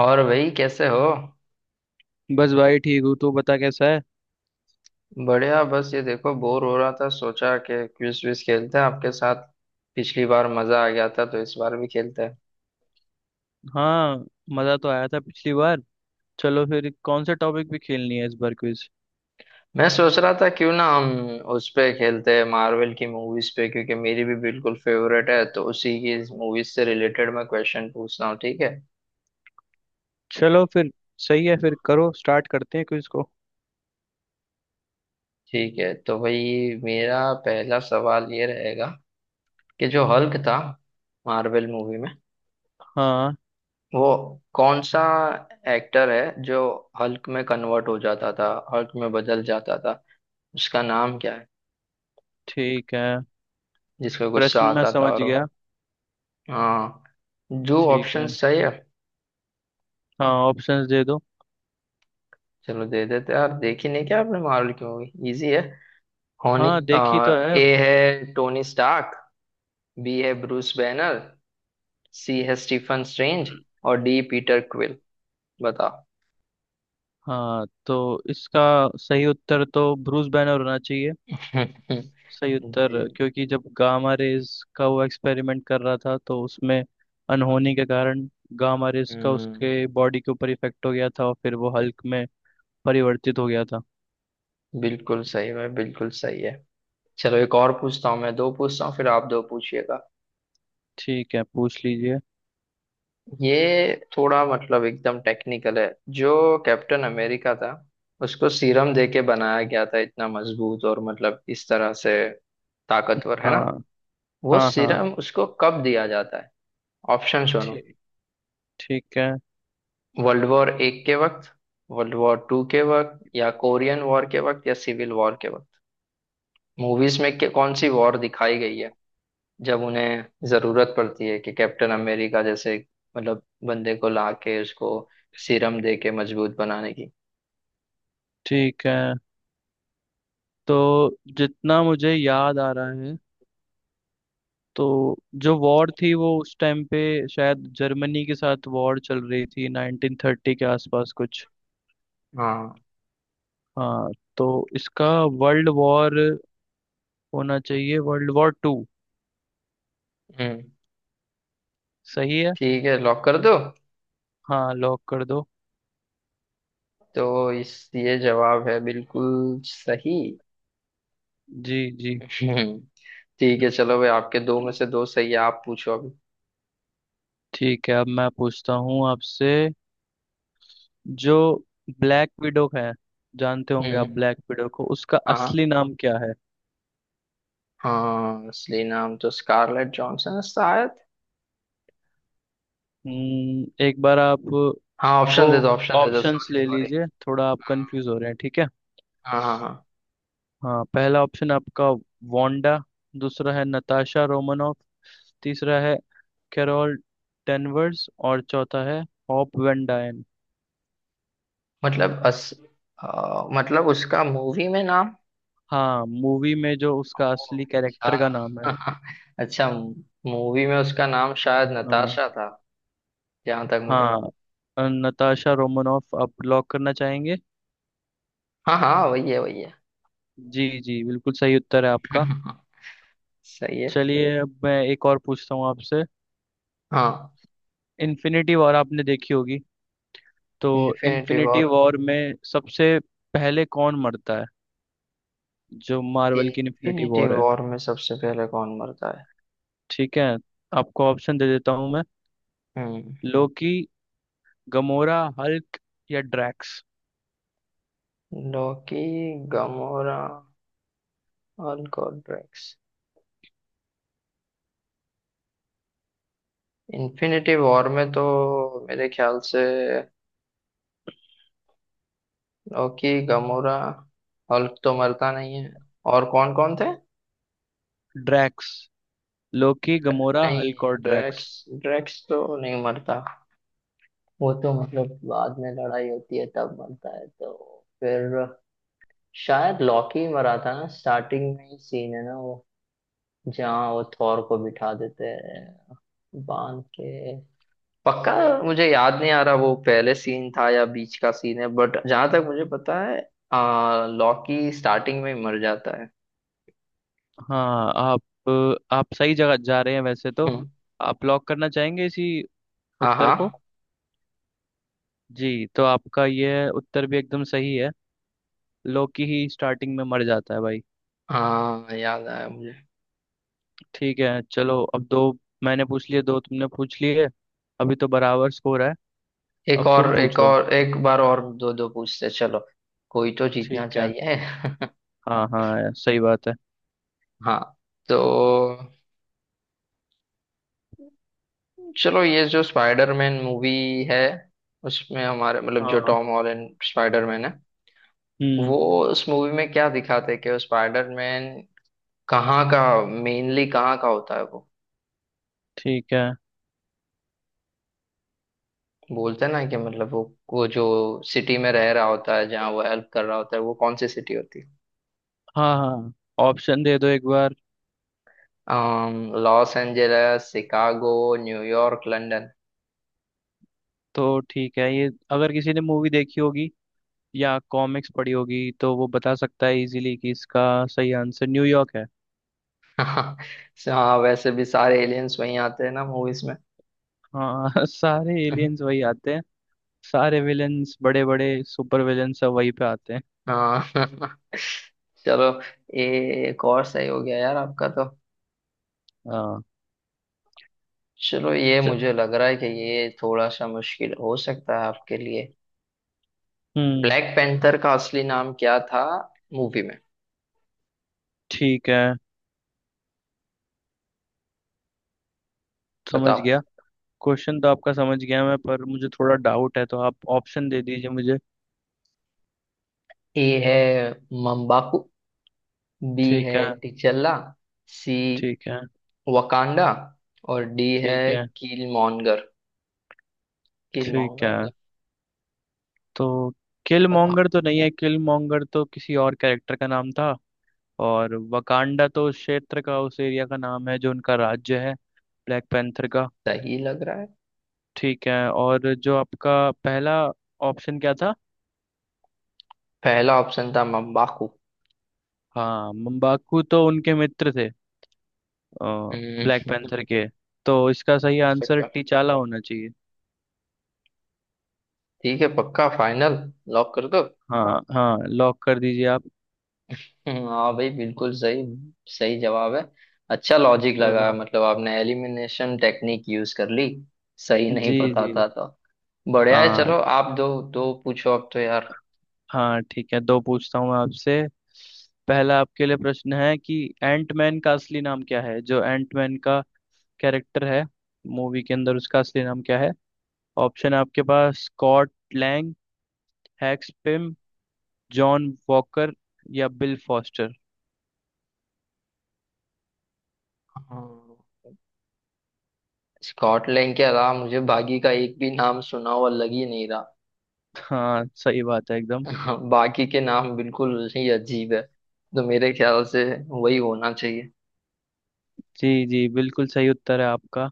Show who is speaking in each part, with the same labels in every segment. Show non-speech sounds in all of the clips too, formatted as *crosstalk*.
Speaker 1: और भाई कैसे हो।
Speaker 2: बस भाई ठीक हूँ। तू बता कैसा है?
Speaker 1: बढ़िया, बस ये देखो बोर हो रहा था, सोचा कि क्विज विज खेलते हैं आपके साथ। पिछली बार मजा आ गया था तो इस बार भी खेलते हैं।
Speaker 2: हाँ, मज़ा तो आया था पिछली बार। चलो फिर कौन सा टॉपिक भी खेलनी है इस बार क्विज?
Speaker 1: मैं सोच रहा था क्यों ना हम उस पे खेलते हैं, मार्वल की मूवीज पे, क्योंकि मेरी भी बिल्कुल फेवरेट है, तो उसी की मूवीज से रिलेटेड मैं क्वेश्चन पूछ रहा हूँ, ठीक है।
Speaker 2: चलो फिर, सही है, फिर करो, स्टार्ट करते हैं क्विज को।
Speaker 1: ठीक है तो भाई मेरा पहला सवाल ये रहेगा कि जो हल्क था मार्वल मूवी में,
Speaker 2: हाँ।
Speaker 1: वो कौन सा एक्टर है जो हल्क में कन्वर्ट हो जाता था, हल्क में बदल जाता था, उसका नाम क्या है,
Speaker 2: ठीक है,
Speaker 1: जिसको गुस्सा
Speaker 2: प्रश्न मैं
Speaker 1: आता था
Speaker 2: समझ
Speaker 1: और वो-।
Speaker 2: गया।
Speaker 1: हाँ, जो
Speaker 2: ठीक
Speaker 1: ऑप्शन
Speaker 2: है,
Speaker 1: सही है।
Speaker 2: हाँ, ऑप्शंस दे दो।
Speaker 1: चलो दे देते हैं। यार देखी नहीं क्या आपने मार्वल की मूवी, इजी है होनी।
Speaker 2: हाँ, देखी तो है।
Speaker 1: ए है टोनी स्टार्क, बी है ब्रूस बैनर, सी है स्टीफन स्ट्रेंज और डी पीटर क्विल। बताओ।
Speaker 2: हाँ, तो इसका सही उत्तर तो ब्रूस बैनर होना चाहिए।
Speaker 1: *laughs*
Speaker 2: सही उत्तर
Speaker 1: जी।
Speaker 2: क्योंकि जब गामा रेज का वो एक्सपेरिमेंट कर रहा था तो उसमें अनहोनी के कारण गामा रेज का
Speaker 1: हम्म।
Speaker 2: उसके बॉडी के ऊपर इफेक्ट हो गया था और फिर वो हल्क में परिवर्तित हो गया था।
Speaker 1: बिल्कुल सही है, बिल्कुल सही है। चलो एक और पूछता हूँ मैं, दो पूछता हूँ फिर आप दो पूछिएगा।
Speaker 2: ठीक है, पूछ लीजिए।
Speaker 1: ये थोड़ा मतलब एकदम टेक्निकल है। जो कैप्टन अमेरिका था, उसको सीरम दे के बनाया गया था इतना मजबूत और मतलब इस तरह से ताकतवर, है ना।
Speaker 2: हाँ
Speaker 1: वो
Speaker 2: हाँ। हाँ
Speaker 1: सीरम उसको कब दिया जाता है। ऑप्शन सुनो।
Speaker 2: ठीक ठीक है।
Speaker 1: वर्ल्ड वॉर एक के वक्त, वर्ल्ड वॉर टू के वक्त, या कोरियन वॉर के वक्त, या सिविल वॉर के वक्त। मूवीज में कौन सी वॉर दिखाई गई है जब उन्हें जरूरत पड़ती है कि कैप्टन अमेरिका जैसे मतलब बंदे को ला के उसको सीरम दे के मजबूत बनाने की।
Speaker 2: ठीक है, तो जितना मुझे याद आ रहा है तो जो वॉर थी वो उस टाइम पे शायद जर्मनी के साथ वॉर चल रही थी 1930 के आसपास कुछ।
Speaker 1: हाँ।
Speaker 2: हाँ, तो इसका वर्ल्ड वॉर होना चाहिए, वर्ल्ड वॉर टू।
Speaker 1: हम्म।
Speaker 2: सही है।
Speaker 1: ठीक है, लॉक कर दो।
Speaker 2: हाँ, लॉक कर दो।
Speaker 1: तो इस ये जवाब है बिल्कुल सही।
Speaker 2: जी जी।
Speaker 1: हम्म, ठीक है चलो भाई, आपके दो में से दो सही है, आप पूछो अभी।
Speaker 2: ठीक है, अब मैं पूछता हूँ आपसे। जो ब्लैक विडो है, जानते होंगे आप,
Speaker 1: हम्म।
Speaker 2: ब्लैक विडो को उसका
Speaker 1: हाँ।
Speaker 2: असली नाम क्या है?
Speaker 1: हाँ, असली नाम तो स्कारलेट जॉनसन है शायद।
Speaker 2: एक बार आप
Speaker 1: हाँ,
Speaker 2: वो
Speaker 1: ऑप्शन दे दो, ऑप्शन दे दो,
Speaker 2: ऑप्शंस
Speaker 1: सॉरी
Speaker 2: ले
Speaker 1: सॉरी।
Speaker 2: लीजिए, थोड़ा आप कंफ्यूज हो रहे हैं। ठीक है,
Speaker 1: हाँ हाँ हाँ।
Speaker 2: हाँ, पहला ऑप्शन आपका वांडा, दूसरा है नताशा रोमनॉफ, तीसरा है कैरोल डेनवर्स और चौथा है हॉप वेन।
Speaker 1: मतलब अस मतलब उसका मूवी में नाम।
Speaker 2: हाँ, मूवी में जो उसका
Speaker 1: ओह,
Speaker 2: असली
Speaker 1: अच्छा।
Speaker 2: कैरेक्टर का नाम है।
Speaker 1: *laughs* अच्छा। मूवी में उसका नाम शायद
Speaker 2: हाँ
Speaker 1: नताशा था, जहां तक मुझे।
Speaker 2: हाँ, नताशा रोमनॉफ आप लॉक करना चाहेंगे?
Speaker 1: हाँ हाँ, वही है वही है।
Speaker 2: जी जी, बिल्कुल सही उत्तर है आपका।
Speaker 1: *laughs* सही है।
Speaker 2: चलिए, अब मैं एक और पूछता हूँ आपसे।
Speaker 1: हाँ।
Speaker 2: इन्फिनिटी वॉर आपने देखी होगी, तो
Speaker 1: इन्फिनिटी
Speaker 2: इन्फिनिटी
Speaker 1: वॉर।
Speaker 2: वॉर में सबसे पहले कौन मरता है, जो मार्वल की इन्फिनिटी
Speaker 1: इन्फिनिटी
Speaker 2: वॉर है?
Speaker 1: वॉर में सबसे पहले कौन मरता है।
Speaker 2: ठीक है, आपको ऑप्शन दे देता हूँ मैं।
Speaker 1: हम्म।
Speaker 2: लोकी, गमोरा, हल्क या ड्रैक्स।
Speaker 1: लॉकी, गमोरा और गॉड्रेक्स। इन्फिनिटी वॉर में तो मेरे ख्याल से लॉकी, गमोरा, हल्क तो मरता नहीं है, और कौन कौन थे।
Speaker 2: ड्रैक्स, लोकी, गमोरा,
Speaker 1: नहीं,
Speaker 2: हल्क और ड्रैक्स।
Speaker 1: ड्रैक्स, ड्रैक्स तो नहीं मरता, वो तो मतलब बाद में लड़ाई होती है तब मरता है। तो फिर शायद लॉकी ही मरा था ना, स्टार्टिंग में ही सीन है ना वो, जहाँ वो थॉर को बिठा देते हैं बांध के। पक्का। मुझे याद नहीं आ रहा वो पहले सीन था या बीच का सीन है, बट जहां तक मुझे पता है लॉकी स्टार्टिंग में ही मर जाता है। *laughs*
Speaker 2: हाँ, आप सही जगह जा रहे हैं वैसे तो।
Speaker 1: हम्म,
Speaker 2: आप लॉक करना चाहेंगे इसी
Speaker 1: हाँ
Speaker 2: उत्तर को?
Speaker 1: हाँ,
Speaker 2: जी, तो आपका यह उत्तर भी एकदम सही है। लोकी ही स्टार्टिंग में मर जाता है भाई।
Speaker 1: हाँ याद आया मुझे।
Speaker 2: ठीक है, चलो अब दो मैंने पूछ लिए, दो तुमने पूछ लिए। अभी तो बराबर स्कोर है।
Speaker 1: एक
Speaker 2: अब तुम
Speaker 1: और, एक
Speaker 2: पूछो।
Speaker 1: और, एक बार और, दो दो पूछते चलो, कोई तो जीतना
Speaker 2: ठीक है।
Speaker 1: चाहिए। *laughs*
Speaker 2: हाँ हाँ यार, सही बात है।
Speaker 1: हाँ। तो चलो, ये जो स्पाइडरमैन मूवी है, उसमें हमारे मतलब जो
Speaker 2: हाँ।
Speaker 1: टॉम हॉलैंड स्पाइडरमैन है,
Speaker 2: हम्म
Speaker 1: वो उस मूवी में क्या दिखाते हैं कि वो स्पाइडरमैन कहाँ का, मेनली कहाँ का होता है वो।
Speaker 2: ठीक है।
Speaker 1: बोलते हैं ना कि मतलब वो जो सिटी में रह रहा होता है जहाँ वो हेल्प कर रहा होता है, वो कौन सी सिटी होती है।
Speaker 2: हाँ हाँ, ऑप्शन दे दो एक बार।
Speaker 1: Los Angeles, Chicago, New York, London.
Speaker 2: तो ठीक है, ये अगर किसी ने मूवी देखी होगी या कॉमिक्स पढ़ी होगी तो वो बता सकता है इजीली कि इसका सही आंसर न्यूयॉर्क है।
Speaker 1: हाँ। हाँ, वैसे भी सारे एलियंस वहीं आते हैं ना मूवीज में।
Speaker 2: हाँ, *laughs* सारे एलियंस वही आते हैं। सारे विलेंस, बड़े बड़े सुपर विलेंस सब वहीं पे आते हैं।
Speaker 1: हाँ। चलो ये एक और सही हो गया यार आपका तो।
Speaker 2: हाँ।
Speaker 1: चलो, ये
Speaker 2: च-
Speaker 1: मुझे लग रहा है कि ये थोड़ा सा मुश्किल हो सकता है आपके लिए।
Speaker 2: हम्म
Speaker 1: ब्लैक पैंथर का असली नाम क्या था मूवी में।
Speaker 2: ठीक है, समझ
Speaker 1: बताओ।
Speaker 2: गया। क्वेश्चन तो आपका समझ गया मैं, पर मुझे थोड़ा डाउट है, तो आप ऑप्शन दे दीजिए मुझे।
Speaker 1: ए है मम्बाकू, बी
Speaker 2: ठीक
Speaker 1: है
Speaker 2: है।
Speaker 1: टिचल्ला, सी
Speaker 2: ठीक है।
Speaker 1: वकांडा, और डी
Speaker 2: ठीक
Speaker 1: है
Speaker 2: है।
Speaker 1: कील मॉन्गर। कील
Speaker 2: ठीक है,
Speaker 1: मॉन्गर।
Speaker 2: तो किल
Speaker 1: बताओ।
Speaker 2: मॉन्गर तो नहीं है, किल मॉन्गर तो किसी और कैरेक्टर का नाम था। और वकांडा तो उस क्षेत्र का, उस एरिया का नाम है जो उनका राज्य है, ब्लैक पैंथर का।
Speaker 1: सही लग रहा है।
Speaker 2: ठीक है, और जो आपका पहला ऑप्शन क्या था?
Speaker 1: पहला ऑप्शन था मम्बाकू।
Speaker 2: हाँ, मम्बाकू तो उनके मित्र थे ब्लैक
Speaker 1: हम्म,
Speaker 2: पैंथर के। तो इसका सही
Speaker 1: हो
Speaker 2: आंसर
Speaker 1: सकता है।
Speaker 2: टीचाला होना चाहिए।
Speaker 1: ठीक है, पक्का फाइनल, लॉक कर दो।
Speaker 2: हाँ हाँ, लॉक कर दीजिए आप।
Speaker 1: हाँ भाई बिल्कुल सही, सही जवाब है। अच्छा लॉजिक लगा,
Speaker 2: चलो।
Speaker 1: मतलब आपने एलिमिनेशन टेक्निक यूज कर ली, सही नहीं
Speaker 2: जी
Speaker 1: पता
Speaker 2: जी।
Speaker 1: था तो। बढ़िया है,
Speaker 2: हाँ
Speaker 1: चलो आप दो दो पूछो अब तो यार।
Speaker 2: हाँ, ठीक है, दो पूछता हूँ मैं आपसे। पहला आपके लिए प्रश्न है कि एंटमैन का असली नाम क्या है, जो एंटमैन का कैरेक्टर है मूवी के अंदर, उसका असली नाम क्या है? ऑप्शन है आपके पास, स्कॉट लैंग, हैक्स पिम, जॉन वॉकर या बिल फॉस्टर।
Speaker 1: हाँ। स्कॉटलैंड के अलावा मुझे बाकी का एक भी नाम सुना हुआ लग ही नहीं
Speaker 2: हाँ, सही बात है एकदम।
Speaker 1: रहा। *laughs* बाकी के नाम बिल्कुल ही अजीब है, तो मेरे ख्याल से वही होना चाहिए।
Speaker 2: जी जी, बिल्कुल सही उत्तर है आपका।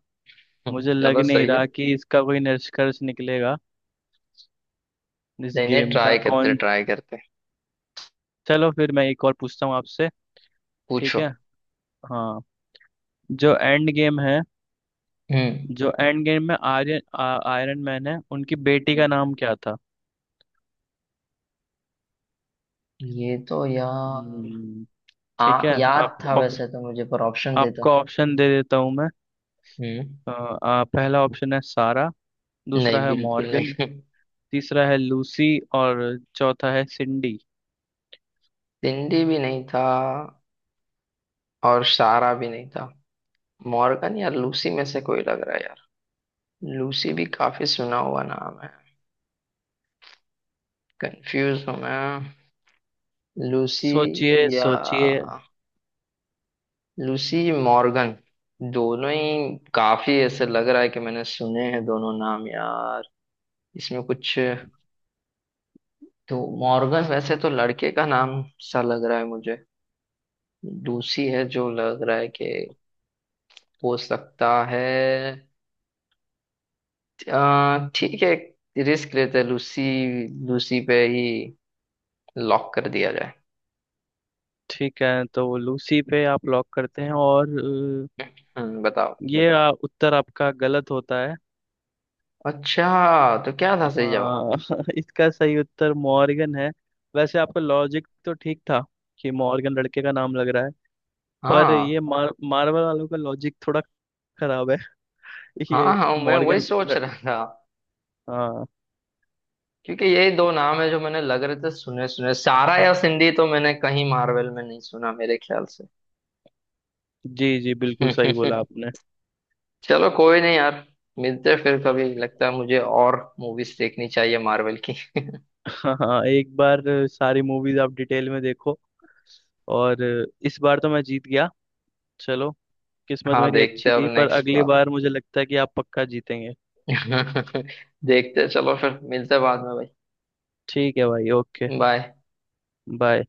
Speaker 1: *laughs*
Speaker 2: मुझे लग
Speaker 1: चलो
Speaker 2: नहीं
Speaker 1: सही है।
Speaker 2: रहा कि इसका कोई निष्कर्ष निकलेगा इस
Speaker 1: नहीं नहीं,
Speaker 2: गेम का।
Speaker 1: ट्राई करते
Speaker 2: कौन,
Speaker 1: ट्राई करते।
Speaker 2: चलो फिर मैं एक और पूछता हूँ आपसे। ठीक
Speaker 1: पूछो।
Speaker 2: है, हाँ, जो एंड गेम है,
Speaker 1: हम्म।
Speaker 2: जो एंड गेम में आयरन मैन है, उनकी बेटी का
Speaker 1: हम्म।
Speaker 2: नाम क्या था?
Speaker 1: ये तो यार।
Speaker 2: हम्म, ठीक है, आप
Speaker 1: याद था वैसे तो मुझे, पर ऑप्शन देता।
Speaker 2: आपको ऑप्शन दे देता हूँ मैं।
Speaker 1: हम्म।
Speaker 2: पहला ऑप्शन है सारा, दूसरा
Speaker 1: नहीं,
Speaker 2: है
Speaker 1: बिल्कुल
Speaker 2: मॉर्गन,
Speaker 1: नहीं। *laughs*
Speaker 2: तीसरा है लूसी और चौथा है सिंडी।
Speaker 1: सिंडी भी नहीं था और सारा भी नहीं था। मॉर्गन या लूसी में से कोई लग रहा है यार। लूसी भी काफी सुना हुआ नाम है। कंफ्यूज हूँ मैं। लूसी
Speaker 2: सोचिए
Speaker 1: या
Speaker 2: सोचिए।
Speaker 1: लूसी, मॉर्गन, दोनों ही काफी ऐसे लग रहा है कि मैंने सुने हैं दोनों नाम यार। इसमें कुछ, तो मॉर्गन वैसे तो लड़के का नाम सा लग रहा है मुझे। लूसी है जो लग रहा है कि हो सकता है। ठीक है, रिस्क लेते हैं, लूसी, लूसी पे ही लॉक कर दिया जाए।
Speaker 2: ठीक है, तो वो लूसी पे आप लॉक करते हैं, और अ,
Speaker 1: बताओ।
Speaker 2: ये उत्तर आपका गलत होता है।
Speaker 1: अच्छा, तो क्या था सही जवाब।
Speaker 2: हाँ, *laughs* इसका सही उत्तर मॉर्गन है। वैसे आपका लॉजिक तो ठीक था कि मॉर्गन लड़के का नाम लग रहा है, पर
Speaker 1: हाँ
Speaker 2: ये मार्वल वालों का लॉजिक थोड़ा खराब है। *laughs*
Speaker 1: हाँ,
Speaker 2: ये
Speaker 1: हाँ मैं वही
Speaker 2: मॉर्गन
Speaker 1: सोच
Speaker 2: लड़-।
Speaker 1: रहा था,
Speaker 2: हाँ।
Speaker 1: क्योंकि यही दो नाम है जो मैंने लग रहे थे सुने सुने। सारा या सिंधी तो मैंने कहीं मार्वल में नहीं सुना मेरे ख्याल
Speaker 2: जी जी, बिल्कुल सही
Speaker 1: से।
Speaker 2: बोला
Speaker 1: *laughs*
Speaker 2: आपने।
Speaker 1: चलो कोई नहीं यार, मिलते हैं फिर कभी। लगता है मुझे और मूवीज देखनी चाहिए मार्वल की।
Speaker 2: हाँ हाँ, एक बार सारी मूवीज आप डिटेल में देखो। और इस बार तो मैं जीत गया। चलो,
Speaker 1: *laughs*
Speaker 2: किस्मत
Speaker 1: हाँ
Speaker 2: मेरी
Speaker 1: देखते
Speaker 2: अच्छी
Speaker 1: हैं अब
Speaker 2: थी, पर
Speaker 1: नेक्स्ट
Speaker 2: अगली
Speaker 1: बार।
Speaker 2: बार मुझे लगता है कि आप पक्का जीतेंगे।
Speaker 1: *laughs* देखते हैं, चलो फिर मिलते हैं बाद में भाई।
Speaker 2: ठीक है भाई, ओके।
Speaker 1: बाय।
Speaker 2: बाय।